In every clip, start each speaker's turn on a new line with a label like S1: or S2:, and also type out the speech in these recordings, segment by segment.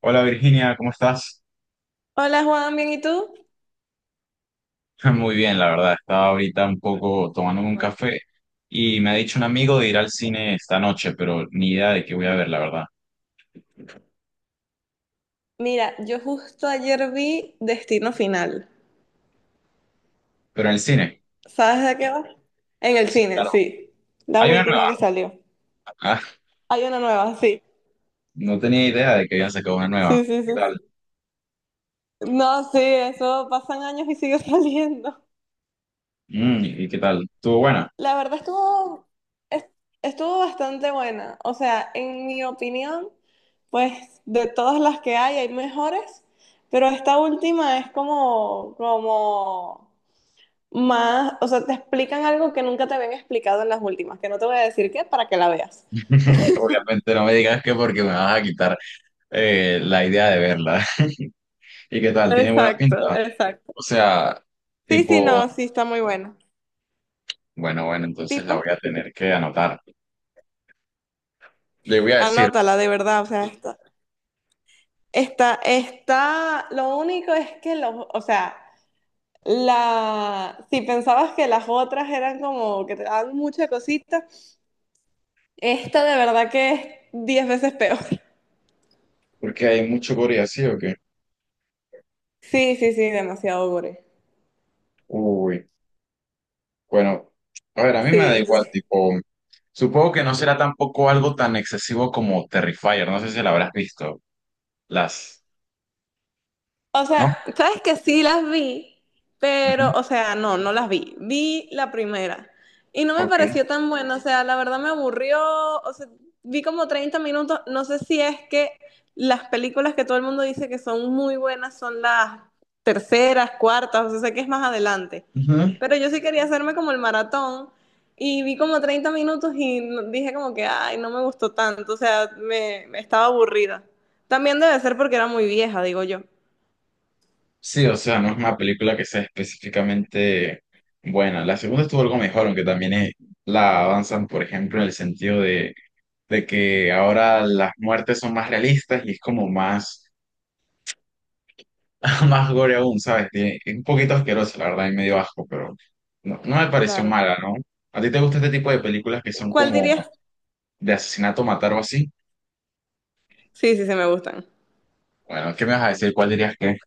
S1: Hola Virginia, ¿cómo estás?
S2: Hola Juan, ¿bien y tú?
S1: Muy bien, la verdad. Estaba ahorita un poco tomando un
S2: Hola.
S1: café y me ha dicho un amigo de ir al cine esta noche, pero ni idea de qué voy a ver, la verdad.
S2: Mira, yo justo ayer vi Destino Final.
S1: Pero en el cine,
S2: ¿Sabes de qué va? En el
S1: sí,
S2: cine,
S1: claro.
S2: sí. La
S1: Hay una
S2: última
S1: nueva.
S2: que salió.
S1: Ah,
S2: Hay una nueva, sí.
S1: no tenía idea de que habían sacado una nueva.
S2: Sí, sí,
S1: ¿Qué
S2: sí,
S1: tal?
S2: sí. No, sí, eso pasan años y sigue saliendo.
S1: Mm, ¿y qué tal? ¿Estuvo buena?
S2: La verdad estuvo, es- estuvo bastante buena. O sea, en mi opinión, pues de todas las que hay mejores, pero esta última es como más, o sea, te explican algo que nunca te habían explicado en las últimas, que no te voy a decir qué para que la veas.
S1: Obviamente no me digas que porque me vas a quitar la idea de verla. ¿Y qué tal? ¿Tiene buena
S2: Exacto,
S1: pinta?
S2: exacto.
S1: O sea,
S2: Sí, sí, no,
S1: tipo,
S2: sí, está muy buena.
S1: bueno, entonces la
S2: Tipo,
S1: voy a tener que anotar. Le voy a decir.
S2: anótala de verdad, o sea, está, está, lo único es que los, o sea, la, si pensabas que las otras eran como que te daban mucha cosita, esta de verdad que es 10 veces peor.
S1: Porque hay mucho Corea, ¿sí o qué?
S2: Sí, sí, sí, demasiado gore.
S1: Uy, bueno, a ver, a mí me
S2: Sí,
S1: da igual,
S2: entonces
S1: tipo, supongo que no será tampoco algo tan excesivo como Terrifier, no sé si la habrás visto, las,
S2: o
S1: ¿no?
S2: sea, sabes que sí las vi,
S1: Ujú,
S2: pero, o sea, no, no las vi. Vi la primera y no me
S1: ok.
S2: pareció tan buena, o sea, la verdad me aburrió, o sea, vi como 30 minutos, no sé si es que las películas que todo el mundo dice que son muy buenas son las terceras, cuartas, o sea, sé que es más adelante,
S1: Ujú.
S2: pero yo sí quería hacerme como el maratón y vi como 30 minutos y dije como que, ay, no me gustó tanto, o sea, me estaba aburrida. También debe ser porque era muy vieja, digo yo.
S1: Sí, o sea, no es una película que sea específicamente buena. La segunda estuvo algo mejor, aunque también la avanzan, por ejemplo, en el sentido de que ahora las muertes son más realistas y es como más más gore aún, ¿sabes? Es un poquito asqueroso, la verdad, y medio asco, pero no, no me pareció
S2: Claro.
S1: mala, ¿no? ¿A ti te gusta este tipo de películas que son
S2: ¿Cuál
S1: como
S2: dirías?
S1: de asesinato, matar o así?
S2: Sí, sí, sí, me gustan.
S1: Bueno, ¿qué me vas a decir? ¿Cuál dirías que es?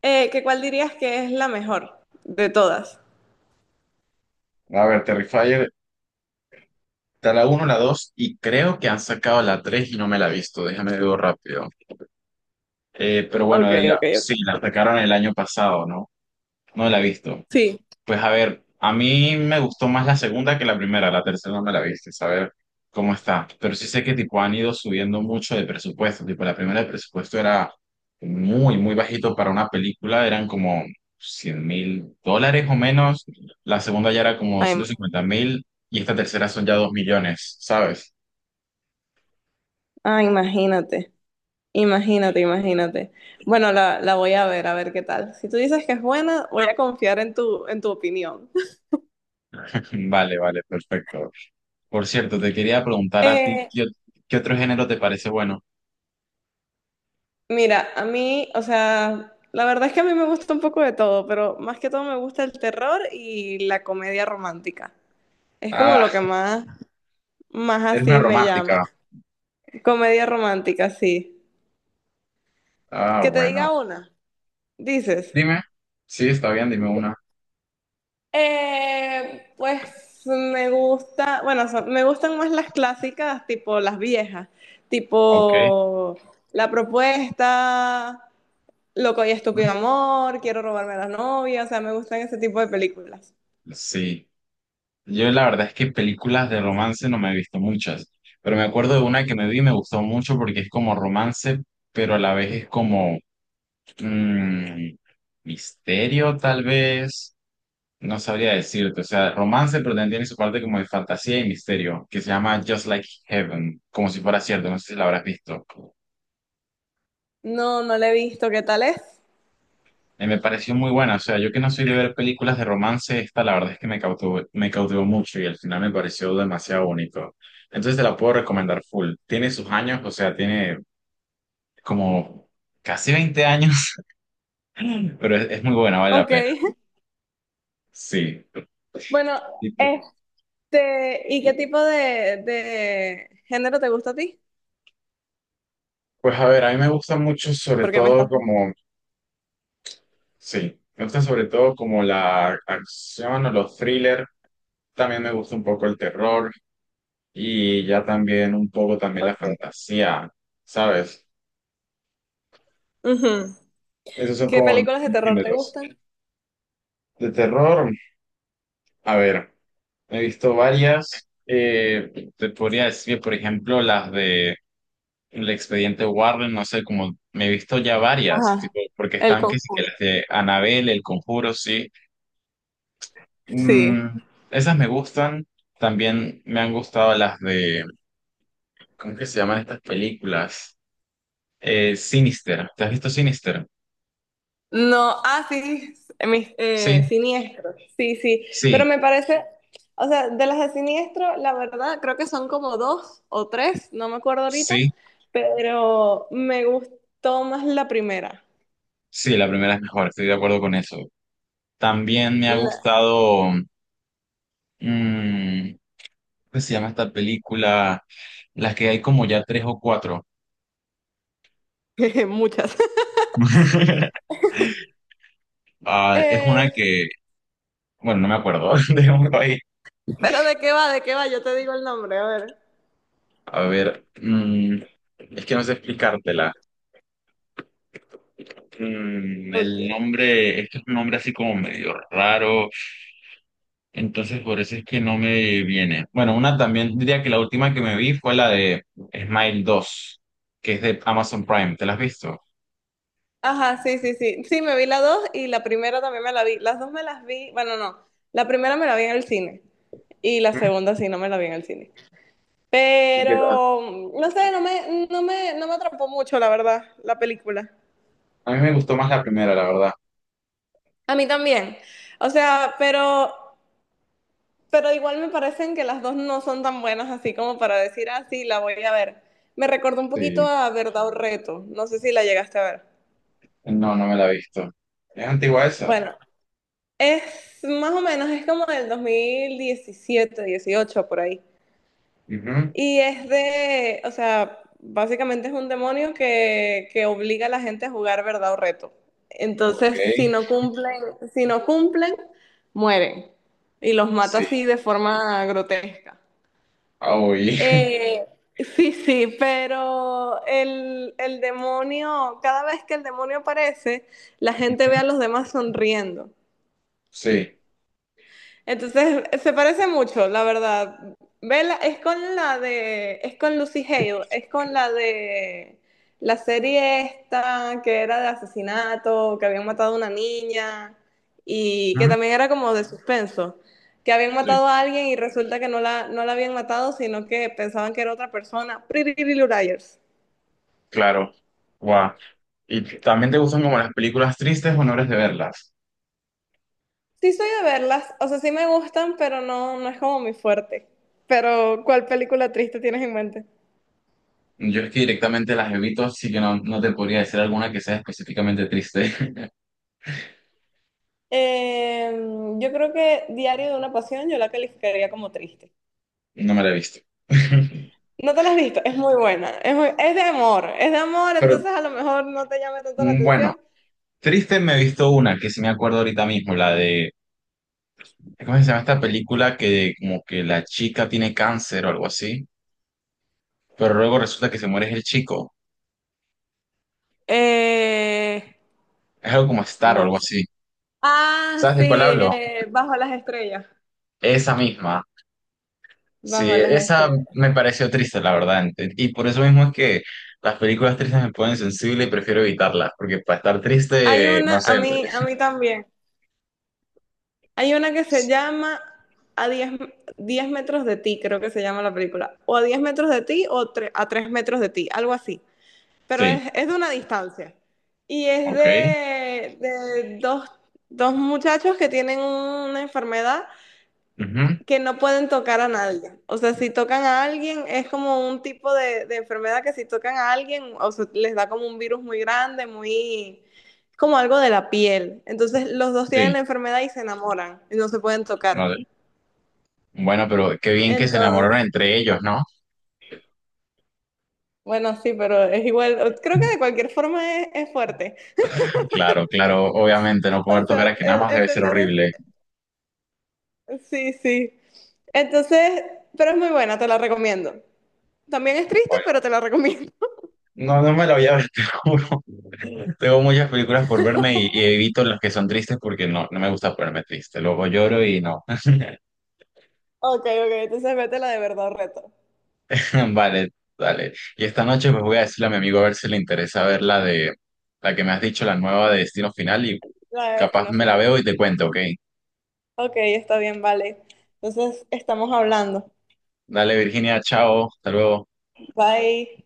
S2: ¿Qué cuál dirías que es la mejor de todas?
S1: A ver, Terrifier, está la uno la 2 y creo que han sacado la 3 y no me la he visto, déjame ver rápido. Pero bueno,
S2: Ok, ok,
S1: sí,
S2: ok.
S1: la sacaron el año pasado, ¿no? No la he visto.
S2: Sí.
S1: Pues a ver, a mí me gustó más la segunda que la primera, la tercera no me la viste, a ver cómo está. Pero sí sé que tipo han ido subiendo mucho de presupuesto, tipo la primera el presupuesto era muy, muy bajito para una película, eran como $100.000 o menos, la segunda ya era como
S2: Ay,
S1: ciento cincuenta mil y esta tercera son ya 2 millones, ¿sabes?
S2: ah, imagínate, imagínate, imagínate. Bueno, la voy a ver qué tal. Si tú dices que es buena, voy a confiar en tu opinión.
S1: Vale, vale, perfecto. Por cierto, te quería preguntar a ti,
S2: Eh,
S1: ¿qué otro género te parece bueno?
S2: Mira, a mí, o sea, la verdad es que a mí me gusta un poco de todo, pero más que todo me gusta el terror y la comedia romántica. Es como
S1: Ah,
S2: lo que más
S1: eres una
S2: así me llama.
S1: romántica.
S2: Comedia romántica, sí.
S1: Ah,
S2: Que te diga
S1: bueno.
S2: una, dices.
S1: Dime, sí, está bien, dime una.
S2: Pues me gusta, bueno, me gustan más las clásicas, tipo las viejas,
S1: Ok.
S2: tipo La Propuesta, Loco y Estúpido Amor, Quiero robarme a la novia, o sea, me gustan ese tipo de películas.
S1: Sí, yo la verdad es que películas de romance no me he visto muchas, pero me acuerdo de una que me vi y me gustó mucho porque es como romance, pero a la vez es como mm, misterio tal vez, no sabría decirte, o sea, romance pero también tiene su parte como de fantasía y misterio, que se llama Just Like Heaven, como si fuera cierto, no sé si la habrás visto.
S2: No, no la he visto, ¿qué tal es?
S1: Me pareció muy buena, o sea, yo que no soy de ver películas de romance, esta la verdad es que me cautivó mucho y al final me pareció demasiado bonito. Entonces te la puedo recomendar full. Tiene sus años, o sea, tiene como casi 20 años, pero es muy buena, vale la
S2: Ok.
S1: pena. Sí.
S2: Bueno,
S1: Y pu-
S2: ¿y qué tipo de género te gusta a ti?
S1: Pues a ver, a mí me gusta mucho sobre
S2: Porque me
S1: todo
S2: estás.
S1: como, sí, me gusta sobre todo como la acción o los thrillers, también me gusta un poco el terror y ya también un poco también la
S2: Ok.
S1: fantasía, ¿sabes?
S2: Ujú.
S1: Esos son
S2: ¿Qué
S1: como
S2: películas de
S1: mis
S2: terror te
S1: géneros.
S2: gustan?
S1: De terror, a ver, he visto varias. Te podría decir, por ejemplo, las de El Expediente Warren, no sé, como me he visto ya varias,
S2: Ajá,
S1: tipo, porque
S2: El
S1: están que sí que
S2: Conjuro.
S1: las de Annabelle, El Conjuro, sí.
S2: Sí.
S1: Mm, esas me gustan. También me han gustado las de, ¿cómo que se llaman estas películas? Sinister. ¿Te has visto Sinister?
S2: No, ah, sí,
S1: Sí,
S2: siniestros. Sí, sí, pero
S1: sí,
S2: me parece, o sea, de las de siniestro, la verdad, creo que son como dos o tres, no me acuerdo ahorita,
S1: sí,
S2: pero me gustó más la primera.
S1: sí, La primera es mejor, estoy de acuerdo con eso. También me ha
S2: La-
S1: gustado, mm, ¿cómo se llama esta película? Las que hay como ya tres o cuatro.
S2: Muchas.
S1: Ah, es una
S2: Eh,
S1: que, bueno, no me acuerdo, dejémoslo ahí.
S2: pero ¿de qué va? ¿De qué va? Yo te digo el nombre, a ver.
S1: A ver, mm, es que no sé explicártela. Mm,
S2: Ok.
S1: el nombre, es que es un nombre así como medio raro, entonces por eso es que no me viene. Bueno, una también, diría que la última que me vi fue la de Smile 2 que es de Amazon Prime, ¿te la has visto?
S2: Ajá, sí, sí, sí. Sí, me vi la dos y la primera también me la vi. Las dos me las vi, bueno, no. La primera me la vi en el cine y la segunda sí, no me la vi en el cine.
S1: Ujú.
S2: Pero, no sé, no me atrapó mucho, la verdad, la película.
S1: A mí me gustó más la primera, la verdad.
S2: A mí también. O sea, pero igual me parecen que las dos no son tan buenas así como para decir, ah, sí, la voy a ver. Me recordó un poquito
S1: Sí.
S2: a Verdad o Reto. No sé si la llegaste a ver.
S1: No, no me la he visto. ¿Es antigua esa?
S2: Bueno, es más o menos, es como del 2017 18 por ahí.
S1: Ujú,
S2: Y es de, o sea, básicamente es un demonio que obliga a la gente a jugar verdad o reto.
S1: ok.
S2: Entonces, si no cumplen, si no cumplen, mueren. Y los mata
S1: Sí.
S2: así de forma grotesca.
S1: Ah, oí.
S2: Eh, sí, sí, pero el demonio, cada vez que el demonio aparece, la gente ve a
S1: Ujú,
S2: los demás sonriendo.
S1: sí.
S2: Entonces, se parece mucho, la verdad. Vela es con la de, es con Lucy Hale, es con la de la serie esta que era de asesinato, que habían matado a una niña y que
S1: Ujú,
S2: también era como de suspenso, que habían
S1: sí,
S2: matado a alguien y resulta que no la habían matado, sino que pensaban que era otra persona. Pretty Little Liars.
S1: claro. Guau. ¿Y también te gustan como las películas tristes o no eres de verlas?
S2: Sí soy de verlas, o sea, sí me gustan, pero no, no es como mi fuerte. Pero, ¿cuál película triste tienes en mente?
S1: Yo es que directamente las evito, así que no, no te podría decir alguna que sea específicamente triste.
S2: Eh, yo creo que Diario de una Pasión yo la calificaría como triste.
S1: No me la he visto.
S2: No te la has visto, es muy buena, es de amor,
S1: Pero
S2: entonces a lo mejor no te llame tanto la
S1: mm, bueno,
S2: atención.
S1: triste me he visto una que sí me acuerdo ahorita mismo, la de ¿Cómo se llama esta película que como que la chica tiene cáncer o algo así? Pero luego resulta que se muere el chico.
S2: Eh,
S1: Es algo como Star o
S2: no.
S1: algo así.
S2: Ah,
S1: ¿Sabes
S2: sí,
S1: de cuál hablo?
S2: Bajo las estrellas,
S1: Esa misma. Sí,
S2: Bajo las
S1: esa
S2: estrellas.
S1: me pareció triste, la verdad. Y por eso mismo es que las películas tristes me ponen sensible y prefiero evitarlas, porque para estar
S2: Hay
S1: triste, no
S2: una, a
S1: sé.
S2: mí, a mí también, hay una que se
S1: es-
S2: llama A diez metros de ti, creo que se llama la película, o a 10 metros de ti o a 3 metros de ti, algo así. Pero
S1: Sí,
S2: es, de una distancia. Y es
S1: ok.
S2: de dos muchachos que tienen una enfermedad
S1: Ujú,
S2: que no pueden tocar a nadie. O sea, si tocan a alguien, es como un tipo de enfermedad que si tocan a alguien, o sea, les da como un virus muy grande, muy, como algo de la piel. Entonces, los dos tienen
S1: sí,
S2: la enfermedad y se enamoran y no se pueden tocar.
S1: vale. Bueno, pero qué bien que se enamoraron
S2: Entonces,
S1: entre ellos, ¿no?
S2: bueno, sí, pero es igual, creo que de cualquier forma es fuerte.
S1: Claro, claro, obviamente, no
S2: O
S1: poder
S2: sea,
S1: tocar aquí nada
S2: el,
S1: más
S2: el
S1: debe ser
S2: tener.
S1: horrible.
S2: Sí, sí. Entonces, pero es muy buena, te la recomiendo. También es triste, pero
S1: Bueno.
S2: te la recomiendo.
S1: No, no me la voy a ver, te juro. Tengo muchas películas por verme y evito las que son tristes porque no, no me gusta ponerme triste. Luego lloro y no.
S2: Ok, ok, entonces vete la de verdad reto,
S1: Vale, dale. Y esta noche pues voy a decirle a mi amigo a ver si le interesa ver la de la que me has dicho, la nueva de Destino Final y
S2: la de
S1: capaz
S2: Destino
S1: me la
S2: Final.
S1: veo y te cuento, ¿ok?
S2: Ok, está bien, vale. Entonces, estamos hablando.
S1: Dale, Virginia, chao, hasta luego.
S2: Bye.